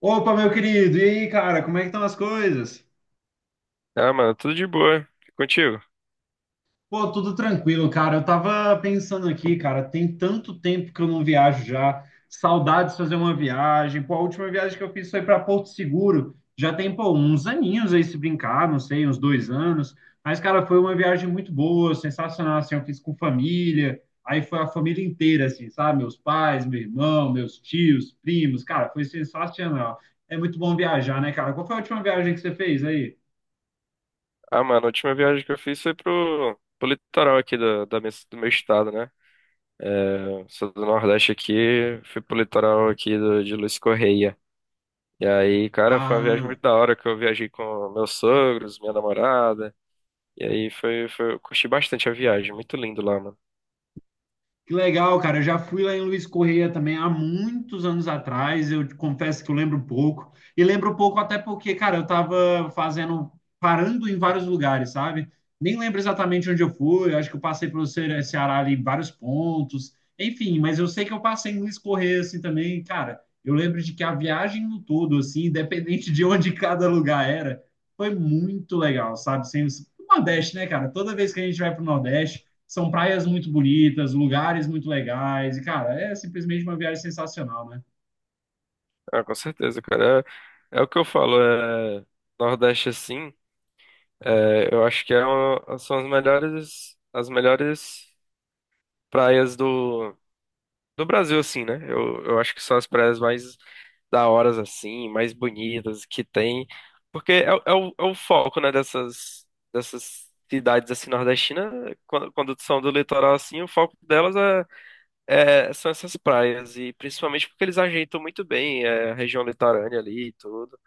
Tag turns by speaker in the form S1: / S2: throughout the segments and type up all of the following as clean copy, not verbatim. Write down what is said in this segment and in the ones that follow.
S1: Opa, meu querido, e aí, cara, como é que estão as coisas?
S2: Ah, mano, tudo de boa. E contigo?
S1: Pô, tudo tranquilo, cara. Eu tava pensando aqui, cara, tem tanto tempo que eu não viajo já. Saudades de fazer uma viagem. Pô, a última viagem que eu fiz foi para Porto Seguro. Já tem, pô, uns aninhos aí se brincar, não sei, uns dois anos. Mas, cara, foi uma viagem muito boa, sensacional, assim. Eu fiz com família, aí foi a família inteira, assim, sabe? Meus pais, meu irmão, meus tios, primos. Cara, foi sensacional. É muito bom viajar, né, cara? Qual foi a última viagem que você fez aí?
S2: Ah, mano, a última viagem que eu fiz foi pro litoral aqui da do meu estado, né? É, sou do Nordeste aqui, fui pro litoral aqui de Luiz Correia. E aí, cara, foi uma viagem
S1: Ah,
S2: muito da hora que eu viajei com meus sogros, minha namorada. E aí foi, eu curti bastante a viagem, muito lindo lá, mano.
S1: que legal, cara. Eu já fui lá em Luiz Correia também há muitos anos atrás. Eu te confesso que eu lembro um pouco. E lembro um pouco até porque, cara, eu tava fazendo, parando em vários lugares, sabe? Nem lembro exatamente onde eu fui. Eu acho que eu passei pelo Ceará ali em vários pontos. Enfim, mas eu sei que eu passei em Luiz Correia assim também. Cara, eu lembro de que a viagem no todo, assim, independente de onde cada lugar era, foi muito legal, sabe? Sem, o Nordeste, né, cara? Toda vez que a gente vai pro Nordeste. São praias muito bonitas, lugares muito legais, e, cara, é simplesmente uma viagem sensacional, né?
S2: Ah, com certeza, cara. É, é o que eu falo, é, Nordeste assim, é, eu acho que são as melhores praias do Brasil, assim, né? Eu acho que são as praias mais da horas, assim, mais bonitas que tem. Porque é o foco, né, dessas cidades, assim, nordestinas. Quando são do litoral, assim, o foco delas são essas praias. E principalmente porque eles ajeitam muito bem é, a região litorânea ali e tudo.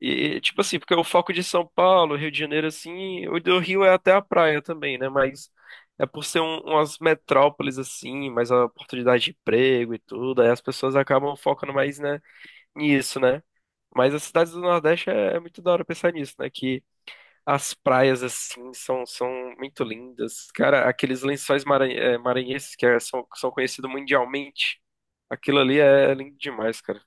S2: E, tipo assim, porque o foco de São Paulo, Rio de Janeiro, assim, o do Rio é até a praia também, né? Mas é por ser umas metrópoles, assim, mais a oportunidade de emprego e tudo, aí as pessoas acabam focando mais, né, nisso, né? Mas as cidades do Nordeste é, é muito da hora pensar nisso, né? Que as praias, assim, são muito lindas. Cara, aqueles maranhenses são, são conhecidos mundialmente, aquilo ali é lindo demais, cara.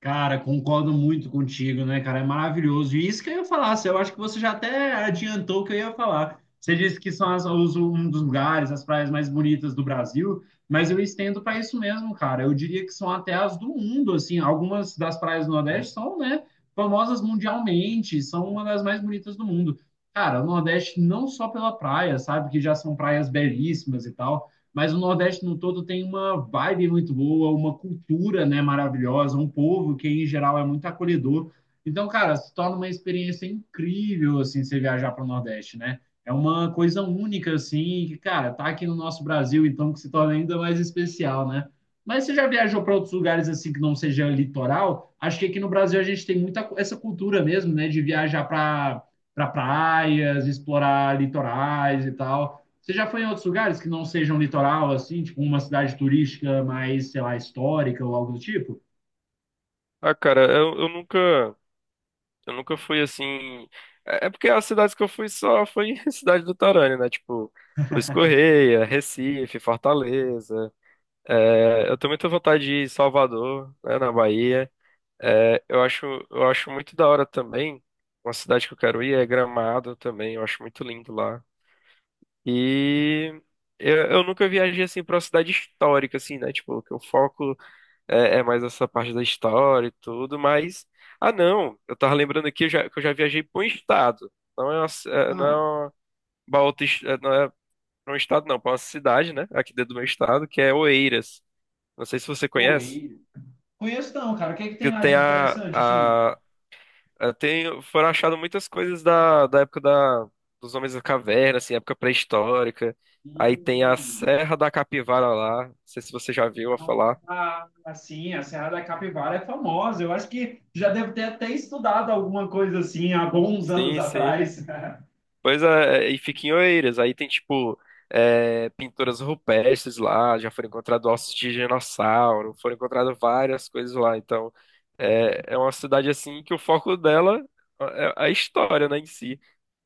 S1: Cara, concordo muito contigo, né, cara? É maravilhoso. E isso que eu ia falar, assim, eu acho que você já até adiantou o que eu ia falar. Você disse que são as- os- um dos lugares, as praias mais bonitas do Brasil, mas eu estendo para isso mesmo, cara. Eu diria que são até as do mundo, assim. Algumas das praias do Nordeste são, né, famosas mundialmente, são uma das mais bonitas do mundo. Cara, o Nordeste não só pela praia, sabe, que já são praias belíssimas e tal, mas o Nordeste no todo tem uma vibe muito boa, uma cultura, né, maravilhosa, um povo que em geral é muito acolhedor. Então, cara, se torna uma experiência incrível assim você viajar para o Nordeste, né? É uma coisa única assim, que, cara, tá aqui no nosso Brasil, então que se torna ainda mais especial, né? Mas você já viajou para outros lugares assim que não seja litoral? Acho que aqui no Brasil a gente tem muita essa cultura mesmo, né, de viajar para praias, explorar litorais e tal. Você já foi em outros lugares que não sejam litoral, assim, tipo uma cidade turística mais, sei lá, histórica ou algo do tipo?
S2: Ah, cara, eu nunca. Eu nunca fui assim. É é porque as cidades que eu fui só foi cidade do Torânio, né? Tipo, Luiz Correia, Recife, Fortaleza. É, eu tenho muita vontade de ir em Salvador, né, na Bahia. É, eu acho muito da hora também. Uma cidade que eu quero ir é Gramado também. Eu acho muito lindo lá. E eu nunca viajei assim pra uma cidade histórica, assim, né? Tipo, que o foco é, é mais essa parte da história e tudo, mas. Ah, não, eu tava lembrando aqui que eu já viajei para um estado. Não é uma, ci- é, não é
S1: Mano,
S2: uma, pra outra est- é Não é pra um estado, não, para uma cidade, né? Aqui dentro do meu estado, que é Oeiras. Não sei se você
S1: pô,
S2: conhece,
S1: e... Conheço não, cara. O que é que tem
S2: que
S1: lá de
S2: tem
S1: interessante, assim?
S2: a- tem, foram achadas muitas coisas da época da, dos homens da caverna, assim, época pré-histórica. Aí tem a
S1: Hum,
S2: Serra da Capivara lá. Não sei se você já viu a falar.
S1: ah, assim, a Serra da Capivara é famosa. Eu acho que já devo ter até estudado alguma coisa assim há bons anos
S2: Sim, sim.
S1: atrás.
S2: Pois é, e fica em Oeiras. Aí tem, tipo, é, pinturas rupestres lá, já foram encontrados ossos de dinossauro, foram encontradas várias coisas lá. Então, é, é uma cidade, assim, que o foco dela é a história, né, em si.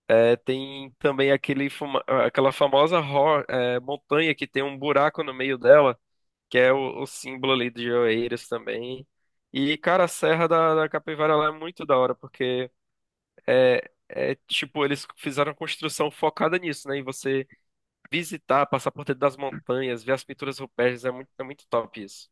S2: É, tem também aquela famosa montanha que tem um buraco no meio dela, que é o símbolo ali de Oeiras também. E, cara, a Serra da Capivara lá é muito da hora, porque é, é tipo, eles fizeram uma construção focada nisso, né? Em você visitar, passar por dentro das montanhas, ver as pinturas rupestres, é muito top isso.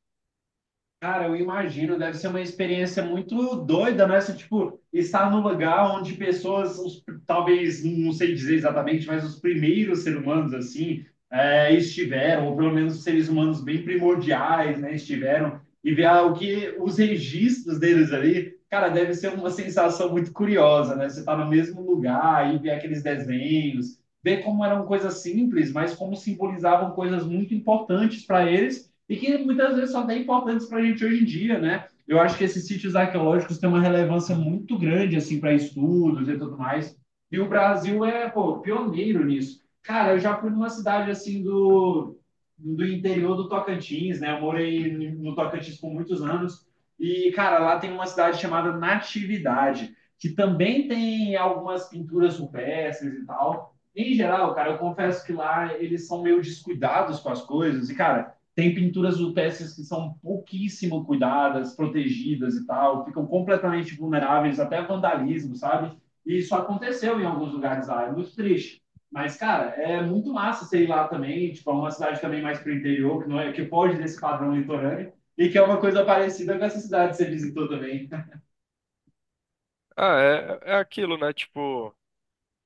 S1: Cara, eu imagino, deve ser uma experiência muito doida, né? Você, tipo, estar num lugar onde pessoas, os- talvez, não sei dizer exatamente, mas os primeiros seres humanos, assim, estiveram, ou pelo menos os seres humanos bem primordiais, né? Estiveram, e ver, ah, o que os registros deles ali, cara, deve ser uma sensação muito curiosa, né? Você tá no mesmo lugar e ver aqueles desenhos, ver como eram coisas simples, mas como simbolizavam coisas muito importantes para eles e que muitas vezes são até importantes para a gente hoje em dia, né? Eu acho que esses sítios arqueológicos têm uma relevância muito grande, assim, para estudos e tudo mais. E o Brasil é, pô, pioneiro nisso. Cara, eu já fui numa cidade, assim, do interior do Tocantins, né? Eu morei no Tocantins por muitos anos. E, cara, lá tem uma cidade chamada Natividade, que também tem algumas pinturas rupestres e tal. Em geral, cara, eu confesso que lá eles são meio descuidados com as coisas. E, cara, tem pinturas rupestres que são pouquíssimo cuidadas, protegidas e tal, ficam completamente vulneráveis até a vandalismo, sabe? E isso aconteceu em alguns lugares lá, é muito triste. Mas, cara, é muito massa você ir lá também, tipo, é uma cidade também mais pro interior, que, não é, que pode desse padrão litorâneo, e que é uma coisa parecida com essa cidade que você visitou também.
S2: Ah, é, é aquilo, né? Tipo,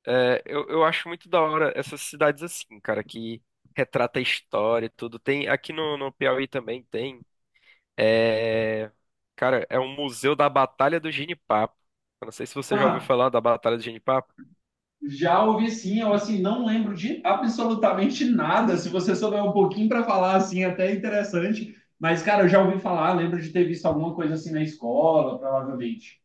S2: é, eu acho muito da hora essas cidades assim, cara, que retrata a história e tudo. Tem, aqui no Piauí também tem. É, cara, é um museu da Batalha do Genipapo. Eu não sei se você já ouviu falar da Batalha do Genipapo.
S1: Já ouvi sim, eu assim não lembro de absolutamente nada. Se você souber um pouquinho para falar assim, até é interessante. Mas cara, eu já ouvi falar, lembro de ter visto alguma coisa assim na escola, provavelmente.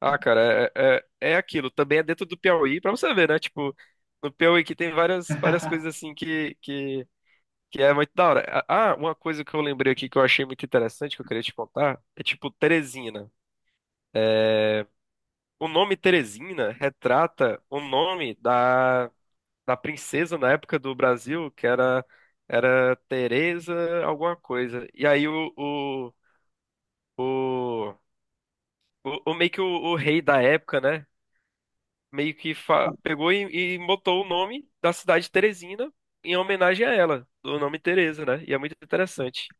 S2: Ah, cara, é aquilo. Também é dentro do Piauí, pra você ver, né? Tipo, no Piauí que tem várias, várias coisas assim que é muito da hora. Ah, uma coisa que eu lembrei aqui que eu achei muito interessante, que eu queria te contar, é tipo Teresina. É, o nome Teresina retrata o nome da, da princesa na época do Brasil, que era, era Teresa alguma coisa. E aí o, o, meio que o rei da época, né? Meio que pegou e botou o nome da cidade de Teresina em homenagem a ela, do nome Teresa, né? E é muito interessante.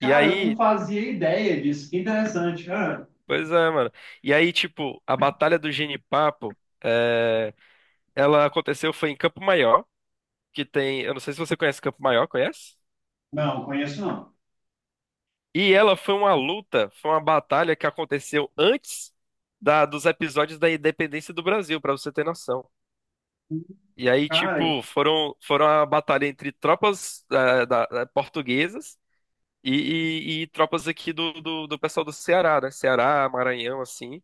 S2: E
S1: eu não
S2: aí,
S1: fazia ideia disso. Que interessante. Ah,
S2: pois é, mano. E aí, tipo, a Batalha do Genipapo, é, ela aconteceu foi em Campo Maior, que tem, eu não sei se você conhece Campo Maior, conhece?
S1: não, conheço não.
S2: E ela foi uma luta, foi uma batalha que aconteceu antes dos episódios da independência do Brasil, pra você ter noção. E aí,
S1: Cara,
S2: tipo, foram a batalha entre tropas portuguesas e, e tropas aqui do pessoal do Ceará, né? Ceará, Maranhão, assim.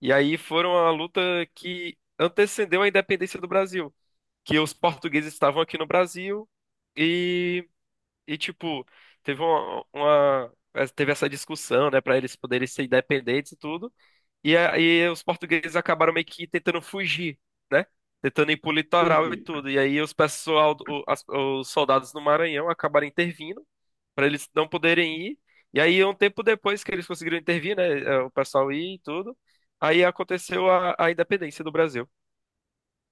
S2: E aí foram a luta que antecedeu a independência do Brasil. Que os portugueses estavam aqui no Brasil e, e tipo, teve teve essa discussão, né, para eles poderem ser independentes e tudo. E aí os portugueses acabaram meio que tentando fugir, né? Tentando ir pro litoral e
S1: entendi.
S2: tudo. E aí os pessoal, os soldados do Maranhão acabaram intervindo para eles não poderem ir. E aí, um tempo depois que eles conseguiram intervir, né, eh, o pessoal ir e tudo, aí aconteceu a independência do Brasil.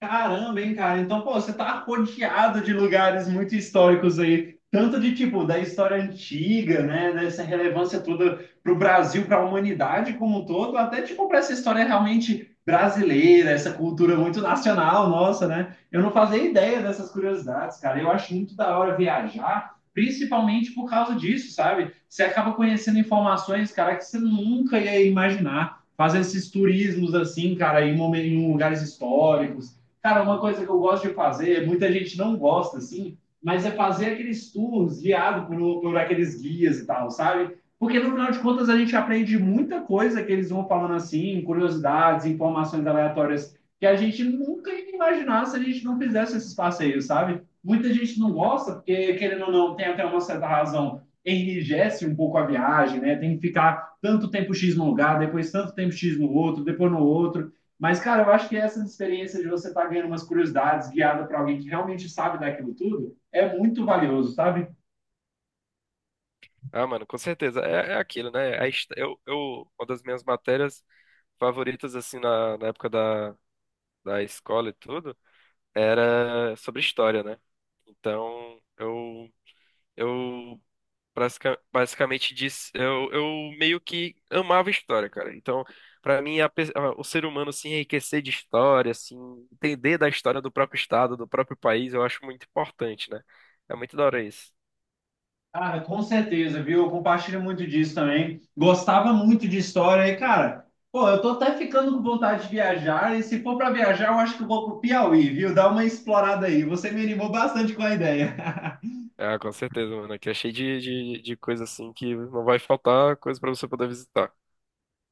S1: Caramba, hein, cara? Então, pô, você tá rodeado de lugares muito históricos aí, tanto de tipo da história antiga, né, dessa relevância toda para o Brasil, para a humanidade como um todo, até tipo para essa história realmente brasileira, essa cultura muito nacional nossa, né? Eu não fazia ideia dessas curiosidades, cara. Eu acho muito da hora viajar, principalmente por causa disso, sabe? Você acaba conhecendo informações, cara, que você nunca ia imaginar. Fazendo esses turismos assim, cara, em em lugares históricos. Cara, uma coisa que eu gosto de fazer, muita gente não gosta, assim, mas é fazer aqueles tours guiados por, aqueles guias e tal, sabe? Porque no final de contas a gente aprende muita coisa que eles vão falando assim, curiosidades, informações aleatórias que a gente nunca ia imaginar se a gente não fizesse esses passeios, sabe? Muita gente não gosta, porque querendo ou não, tem até uma certa razão, enrijece um pouco a viagem, né? Tem que ficar tanto tempo X num lugar, depois tanto tempo X no outro, depois no outro. Mas, cara, eu acho que essas experiências de você estar tá ganhando umas curiosidades guiada para alguém que realmente sabe daquilo tudo é muito valioso, sabe?
S2: Ah, mano, com certeza. É, é aquilo, né? A his- eu, Uma das minhas matérias favoritas, assim, na época da escola e tudo, era sobre história, né? Então, Eu basicamente disse, eu meio que amava história, cara. Então, pra mim, o ser humano se enriquecer de história, assim, entender da história do próprio estado, do próprio país, eu acho muito importante, né? É muito da hora isso.
S1: Cara, com certeza, viu? Eu compartilho muito disso também. Gostava muito de história e, cara, pô, eu tô até ficando com vontade de viajar. E se for para viajar, eu acho que eu vou pro Piauí, viu? Dá uma explorada aí. Você me animou bastante com a ideia.
S2: Ah, com certeza, mano. Aqui é cheio de coisa assim que não vai faltar coisa pra você poder visitar.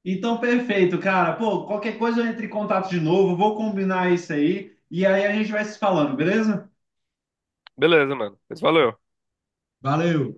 S1: Então, perfeito, cara. Pô, qualquer coisa eu entro em contato de novo, vou combinar isso aí. E aí a gente vai se falando, beleza?
S2: Beleza, mano. Mas valeu.
S1: Valeu!